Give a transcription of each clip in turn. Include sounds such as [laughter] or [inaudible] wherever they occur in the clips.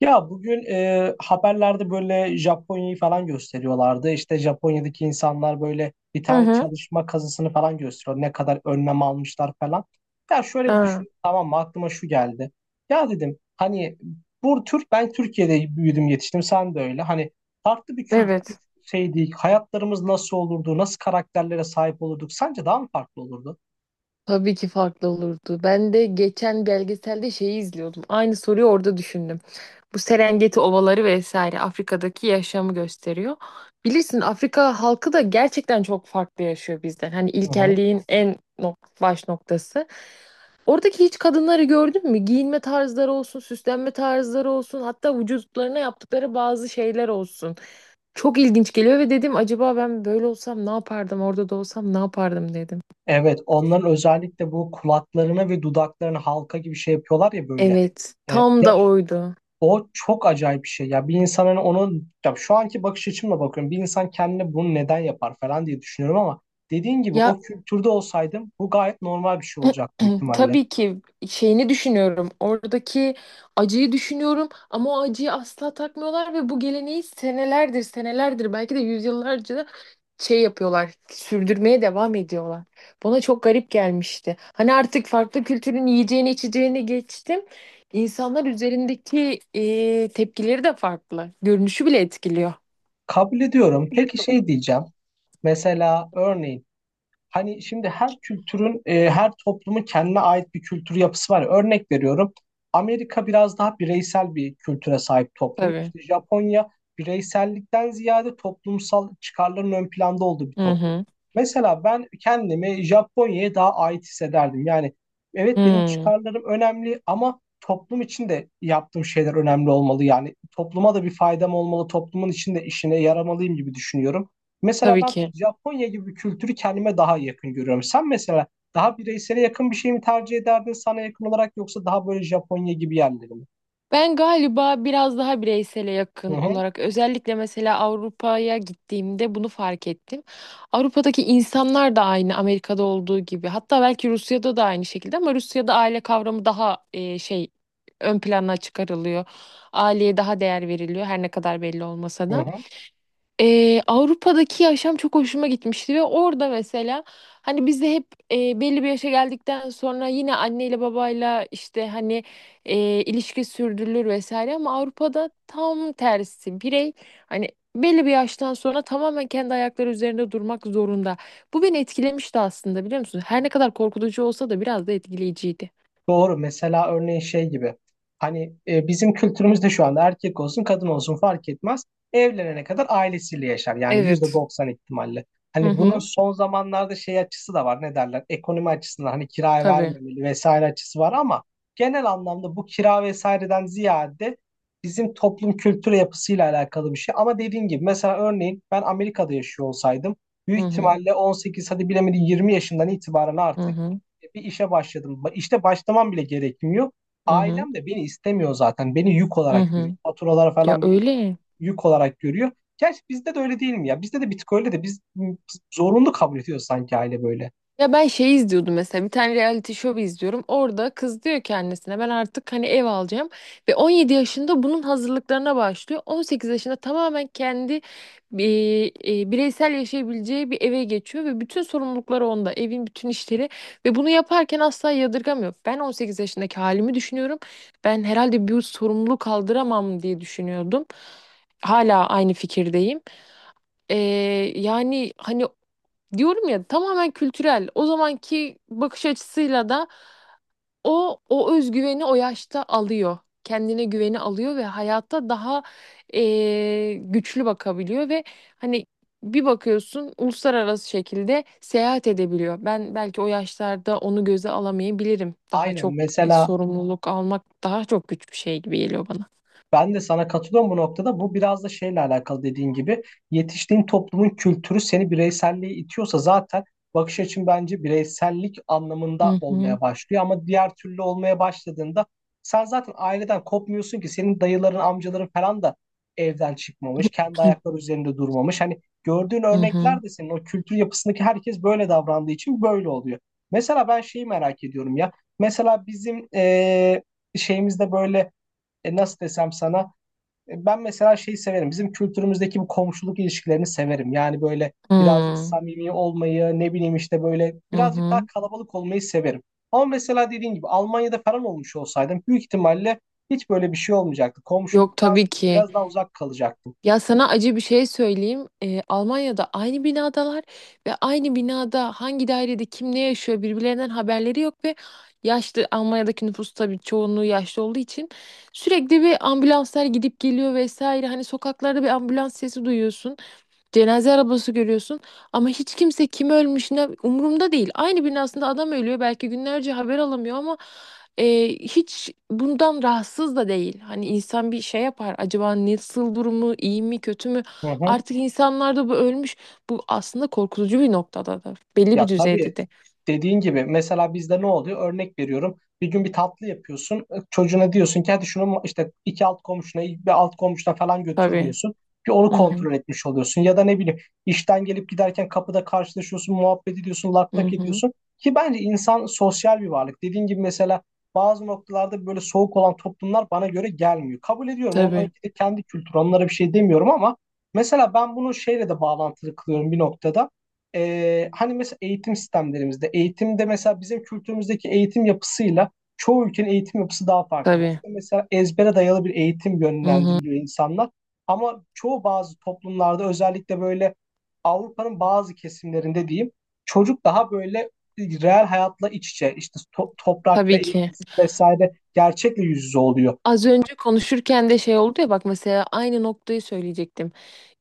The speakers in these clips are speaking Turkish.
Ya bugün haberlerde böyle Japonya'yı falan gösteriyorlardı. İşte Japonya'daki insanlar böyle bir Hı tane hı. çalışma kazısını falan gösteriyor. Ne kadar önlem almışlar falan. Ya şöyle bir Aa, düşün. Tamam mı? Aklıma şu geldi. Ya dedim hani bu Türk ben Türkiye'de büyüdüm yetiştim. Sen de öyle. Hani farklı bir kültür evet. şeydi. Hayatlarımız nasıl olurdu? Nasıl karakterlere sahip olurduk? Sence daha mı farklı olurdu? Tabii ki farklı olurdu. Ben de geçen belgeselde şeyi izliyordum. Aynı soruyu orada düşündüm. Bu Serengeti ovaları vesaire Afrika'daki yaşamı gösteriyor. Bilirsin Afrika halkı da gerçekten çok farklı yaşıyor bizden. Hani ilkelliğin en baş noktası. Oradaki hiç kadınları gördün mü? Giyinme tarzları olsun, süslenme tarzları olsun, hatta vücutlarına yaptıkları bazı şeyler olsun. Çok ilginç geliyor ve dedim acaba ben böyle olsam ne yapardım, orada da olsam ne yapardım dedim. Evet, onların özellikle bu kulaklarını ve dudaklarını halka gibi şey yapıyorlar ya böyle. Evet, tam da Ya, oydu. o çok acayip bir şey. Ya bir insan hani onun ya şu anki bakış açımla bakıyorum. Bir insan kendine bunu neden yapar falan diye düşünüyorum ama dediğin gibi Ya, o kültürde olsaydım bu gayet normal bir şey olacak büyük [clears throat] ihtimalle. tabii ki şeyini düşünüyorum. Oradaki acıyı düşünüyorum ama o acıyı asla takmıyorlar ve bu geleneği senelerdir, senelerdir belki de yüzyıllarca da şey yapıyorlar. Sürdürmeye devam ediyorlar. Bana çok garip gelmişti. Hani artık farklı kültürün yiyeceğini, içeceğini geçtim. İnsanlar üzerindeki tepkileri de farklı. Görünüşü bile etkiliyor. Kabul ediyorum. Peki şey diyeceğim. Mesela örneğin hani şimdi her kültürün, her toplumun kendine ait bir kültür yapısı var. Örnek veriyorum. Amerika biraz daha bireysel bir kültüre sahip toplum. Tabii. İşte Japonya bireysellikten ziyade toplumsal çıkarların ön planda olduğu bir Hı toplum. hı. Mesela ben kendimi Japonya'ya daha ait hissederdim. Yani evet benim Hı. çıkarlarım önemli ama toplum için de yaptığım şeyler önemli olmalı. Yani topluma da bir faydam olmalı, toplumun içinde işine yaramalıyım gibi düşünüyorum. Mesela Tabii ben ki. Japonya gibi bir kültürü kendime daha yakın görüyorum. Sen mesela daha bireysele yakın bir şey mi tercih ederdin sana yakın olarak yoksa daha böyle Japonya gibi yerleri mi? Ben galiba biraz daha bireysele yakın Hı hı. olarak özellikle mesela Avrupa'ya gittiğimde bunu fark ettim. Avrupa'daki insanlar da aynı Amerika'da olduğu gibi. Hatta belki Rusya'da da aynı şekilde ama Rusya'da aile kavramı daha şey ön plana çıkarılıyor. Aileye daha değer veriliyor her ne kadar belli olmasa Hı da. hı. Avrupa'daki yaşam çok hoşuma gitmişti ve orada mesela hani biz de hep belli bir yaşa geldikten sonra yine anneyle babayla işte hani ilişki sürdürülür vesaire ama Avrupa'da tam tersi, birey hani belli bir yaştan sonra tamamen kendi ayakları üzerinde durmak zorunda. Bu beni etkilemişti aslında, biliyor musun? Her ne kadar korkutucu olsa da biraz da etkileyiciydi. Doğru. Mesela örneğin şey gibi. Hani bizim kültürümüzde şu anda erkek olsun kadın olsun fark etmez. Evlenene kadar ailesiyle yaşar. Yani yüzde Evet. doksan ihtimalle. Hı Hani bunun hı, son zamanlarda şey açısı da var. Ne derler? Ekonomi açısından hani kiraya tabii. vermemeli vesaire açısı var ama genel anlamda bu kira vesaireden ziyade bizim toplum kültür yapısıyla alakalı bir şey. Ama dediğin gibi mesela örneğin ben Amerika'da yaşıyor olsaydım Hı büyük hı, ihtimalle 18 hadi bilemedi 20 yaşından itibaren hı artık hı, bir işe başladım. İşte başlamam bile gerekmiyor. hı hı, Ailem de beni istemiyor zaten. Beni yük hı olarak görüyor. hı. Faturalara Ya falan bir öyle. yük olarak görüyor. Gerçi bizde de öyle değil mi ya? Bizde de bir tık öyle de biz zorunlu kabul ediyoruz sanki aile böyle. Ya, ben şey izliyordum, mesela bir tane reality show izliyorum. Orada kız diyor ki annesine, ben artık hani ev alacağım. Ve 17 yaşında bunun hazırlıklarına başlıyor. 18 yaşında tamamen kendi bireysel yaşayabileceği bir eve geçiyor. Ve bütün sorumlulukları onda, evin bütün işleri. Ve bunu yaparken asla yadırgamıyor. Ben 18 yaşındaki halimi düşünüyorum. Ben herhalde bir sorumluluk kaldıramam diye düşünüyordum. Hala aynı fikirdeyim. Ee, yani hani diyorum ya, tamamen kültürel. O zamanki bakış açısıyla da o özgüveni o yaşta alıyor. Kendine güveni alıyor ve hayatta daha güçlü bakabiliyor ve hani bir bakıyorsun uluslararası şekilde seyahat edebiliyor. Ben belki o yaşlarda onu göze alamayabilirim. Daha Aynen çok e, mesela. sorumluluk almak daha çok güç bir şey gibi geliyor bana. Ben de sana katılıyorum bu noktada. Bu biraz da şeyle alakalı dediğin gibi yetiştiğin toplumun kültürü seni bireyselliğe itiyorsa zaten bakış açın bence bireysellik anlamında Hı hı. olmaya başlıyor. Ama diğer türlü olmaya başladığında sen zaten aileden kopmuyorsun ki senin dayıların, amcaların falan da evden çıkmamış, kendi [clears throat] ayakları üzerinde durmamış. Hani gördüğün Hı hı. örnekler de senin o kültür yapısındaki herkes böyle davrandığı için böyle oluyor. Mesela ben şeyi merak ediyorum ya. Mesela bizim şeyimizde böyle, nasıl desem sana, ben mesela şeyi severim. Bizim kültürümüzdeki bu komşuluk ilişkilerini severim. Yani böyle Hı birazcık hı. samimi olmayı, ne bileyim işte böyle Hı birazcık daha hı. kalabalık olmayı severim. Ama mesela dediğin gibi Almanya'da falan olmuş olsaydım büyük ihtimalle hiç böyle bir şey olmayacaktı. Yok Komşuluktan tabii ki. biraz daha uzak kalacaktım. Ya, sana acı bir şey söyleyeyim. Almanya'da aynı binadalar ve aynı binada hangi dairede kim ne yaşıyor birbirlerinden haberleri yok ve yaşlı, Almanya'daki nüfus tabii çoğunluğu yaşlı olduğu için sürekli bir ambulanslar gidip geliyor vesaire. Hani sokaklarda bir ambulans sesi duyuyorsun. Cenaze arabası görüyorsun ama hiç kimse kim ölmüş ne umurumda değil. Aynı binasında adam ölüyor belki günlerce haber alamıyor ama hiç bundan rahatsız da değil. Hani insan bir şey yapar acaba, nasıl, durumu iyi mi kötü mü, Hı hı. artık insanlarda bu ölmüş, bu aslında korkutucu bir noktada da belli bir Ya düzeyde tabii de dediğin gibi mesela bizde ne oluyor? Örnek veriyorum. Bir gün bir tatlı yapıyorsun. Çocuğuna diyorsun ki hadi şunu işte iki alt komşuna bir alt komşuna falan götür tabii. diyorsun. Bir onu Hı hı, kontrol etmiş oluyorsun. Ya da ne bileyim işten gelip giderken kapıda karşılaşıyorsun, muhabbet ediyorsun, lak hı lak hı. ediyorsun. Ki bence insan sosyal bir varlık. Dediğin gibi mesela bazı noktalarda böyle soğuk olan toplumlar bana göre gelmiyor. Kabul ediyorum. Onların Tabii kendi kültürü. Onlara bir şey demiyorum ama mesela ben bunu şeyle de bağlantılı kılıyorum bir noktada. Hani mesela eğitim sistemlerimizde, eğitimde mesela bizim kültürümüzdeki eğitim yapısıyla çoğu ülkenin eğitim yapısı daha farklı. tabii. Bizde mesela ezbere dayalı bir eğitim Hı hı. yönlendiriliyor insanlar. Ama çoğu bazı toplumlarda özellikle böyle Avrupa'nın bazı kesimlerinde diyeyim çocuk daha böyle reel hayatla iç içe işte toprakta Tabii ki. eğitim vesaire gerçekle yüz yüze oluyor. Az önce konuşurken de şey oldu ya, bak mesela aynı noktayı söyleyecektim.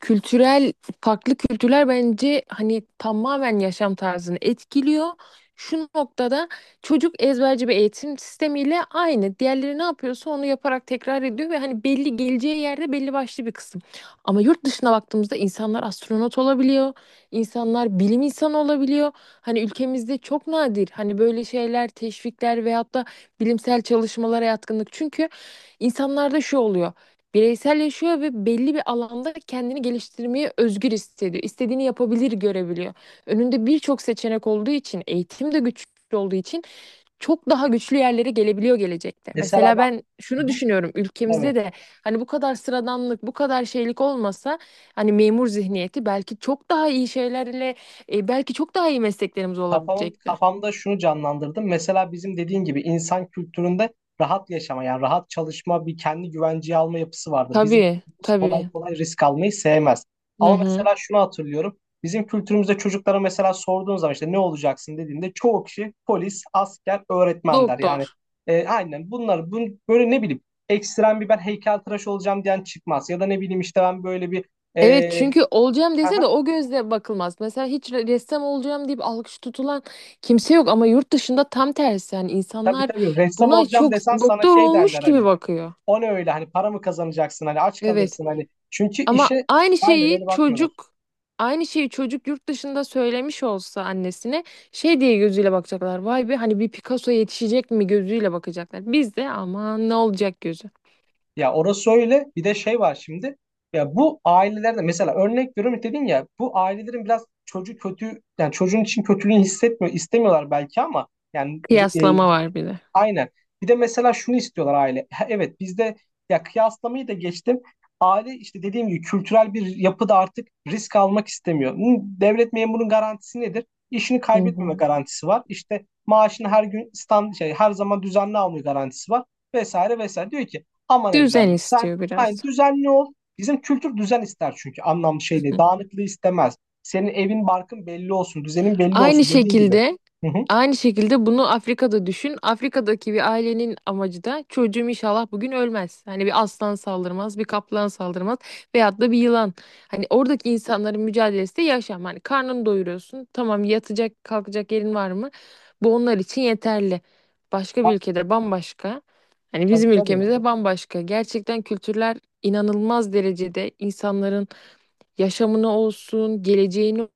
Kültürel, farklı kültürler bence hani tamamen yaşam tarzını etkiliyor. Şu noktada çocuk ezberci bir eğitim sistemiyle aynı. Diğerleri ne yapıyorsa onu yaparak tekrar ediyor ve hani belli geleceği yerde belli başlı bir kısım. Ama yurt dışına baktığımızda insanlar astronot olabiliyor, insanlar bilim insanı olabiliyor. Hani ülkemizde çok nadir hani böyle şeyler, teşvikler veyahut da bilimsel çalışmalara yatkınlık. Çünkü insanlarda şu oluyor. Bireysel yaşıyor ve belli bir alanda kendini geliştirmeye özgür hissediyor. İstediğini yapabilir, görebiliyor. Önünde birçok seçenek olduğu için, eğitim de güçlü olduğu için çok daha güçlü yerlere gelebiliyor gelecekte. Mesela Mesela bak. ben Hı şunu hı, düşünüyorum, ülkemizde evet. de hani bu kadar sıradanlık, bu kadar şeylik olmasa hani memur zihniyeti, belki çok daha iyi şeylerle belki çok daha iyi mesleklerimiz olabilecekti. Kafamda şunu canlandırdım. Mesela bizim dediğin gibi insan kültüründe rahat yaşama yani rahat çalışma bir kendi güvenceye alma yapısı vardı. Bizim Tabii, kültürümüz kolay tabii. kolay risk almayı sevmez. Hı Ama hı. mesela şunu hatırlıyorum. Bizim kültürümüzde çocuklara mesela sorduğun zaman işte ne olacaksın dediğinde çoğu kişi polis, asker, öğretmen der. Doktor. Yani aynen bunlar bu, böyle ne bileyim ekstrem bir ben heykeltıraş olacağım diyen çıkmaz. Ya da ne bileyim işte ben böyle bir Evet, e, çünkü olacağım dese de aha, o gözle bakılmaz. Mesela hiç ressam olacağım deyip alkış tutulan kimse yok ama yurt dışında tam tersi, yani tabii insanlar tabii ressam buna olacağım çok desen sana doktor şey olmuş derler gibi hani. bakıyor. O ne öyle hani para mı kazanacaksın hani aç Evet. kalırsın hani çünkü Ama işe aynen öyle bakmıyorlar. Aynı şeyi çocuk yurt dışında söylemiş olsa annesine şey diye gözüyle bakacaklar. Vay be, hani bir Picasso yetişecek mi gözüyle bakacaklar. Bizde de aman ne olacak gözü. Ya orası öyle bir de şey var şimdi ya bu ailelerde mesela örnek veriyorum dedin ya bu ailelerin biraz çocuğu kötü yani çocuğun için kötülüğünü hissetmiyor istemiyorlar belki ama yani e, Kıyaslama var bir de. aynen. Bir de mesela şunu istiyorlar aile. [laughs] Evet bizde ya kıyaslamayı da geçtim. Aile işte dediğim gibi kültürel bir yapıda artık risk almak istemiyor. Hı, Devlet memurunun garantisi nedir? İşini Hı kaybetmeme hı. garantisi var. İşte maaşını her gün stand şey her zaman düzenli alma garantisi var vesaire vesaire. Diyor ki aman Düzen evladım sen istiyor biraz. aynı düzenli ol. Bizim kültür düzen ister çünkü anlamlı şey değil. Dağınıklığı istemez. Senin evin barkın belli olsun, düzenin belli Aynı olsun dediği gibi. şekilde Hı hı. aynı şekilde bunu Afrika'da düşün. Afrika'daki bir ailenin amacı da çocuğum inşallah bugün ölmez. Hani bir aslan saldırmaz, bir kaplan saldırmaz veyahut da bir yılan. Hani oradaki insanların mücadelesi de yaşam. Hani karnını doyuruyorsun. Tamam, yatacak, kalkacak yerin var mı? Bu onlar için yeterli. Başka Ha, bir ülkede bambaşka. Hani tabii bizim tabii. ülkemizde bambaşka. Gerçekten kültürler inanılmaz derecede insanların yaşamını olsun, geleceğini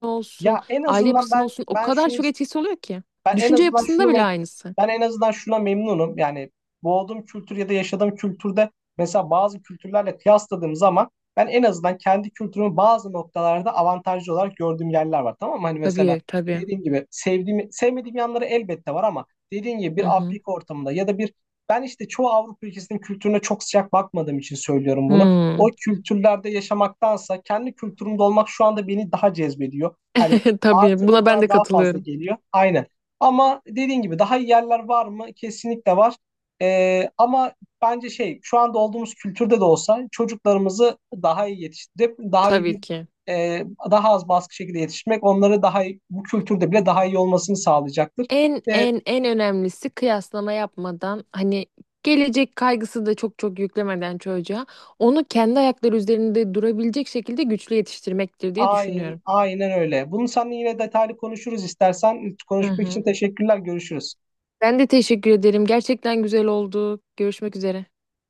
olsun, Ya en aile azından yapısına ben olsun o ben kadar şunu çok is- etkisi oluyor ki. ben en Düşünce azından şunu yapısında bile me- aynısı. ben en azından şuna memnunum. Yani doğduğum kültür ya da yaşadığım kültürde mesela bazı kültürlerle kıyasladığım zaman ben en azından kendi kültürümü bazı noktalarda avantajlı olarak gördüğüm yerler var. Tamam mı? Hani mesela Tabii tabii. dediğim gibi sevdiğim, sevmediğim yanları elbette var ama dediğim gibi Hı bir hı. Afrika ortamında ya da bir ben işte çoğu Avrupa ülkesinin kültürüne çok sıcak bakmadığım için söylüyorum bunu. O Hmm. kültürlerde yaşamaktansa kendi kültürümde olmak şu anda beni daha cezbediyor. Hani [laughs] Tabii buna artıları ben de bana daha fazla katılıyorum. geliyor. Aynen. Ama dediğin gibi daha iyi yerler var mı? Kesinlikle var. Ama bence şey şu anda olduğumuz kültürde de olsa çocuklarımızı daha iyi yetiştirip daha iyi bir Tabii ki. e, daha az baskı şekilde yetiştirmek onları daha iyi, bu kültürde bile daha iyi olmasını sağlayacaktır. En Ve en en önemlisi, kıyaslama yapmadan hani gelecek kaygısı da çok çok yüklemeden çocuğa, onu kendi ayakları üzerinde durabilecek şekilde güçlü yetiştirmektir diye düşünüyorum. aynen öyle. Bunu seninle yine detaylı konuşuruz istersen. Hı Konuşmak için hı. teşekkürler. Görüşürüz. Ben de teşekkür ederim. Gerçekten güzel oldu. Görüşmek üzere.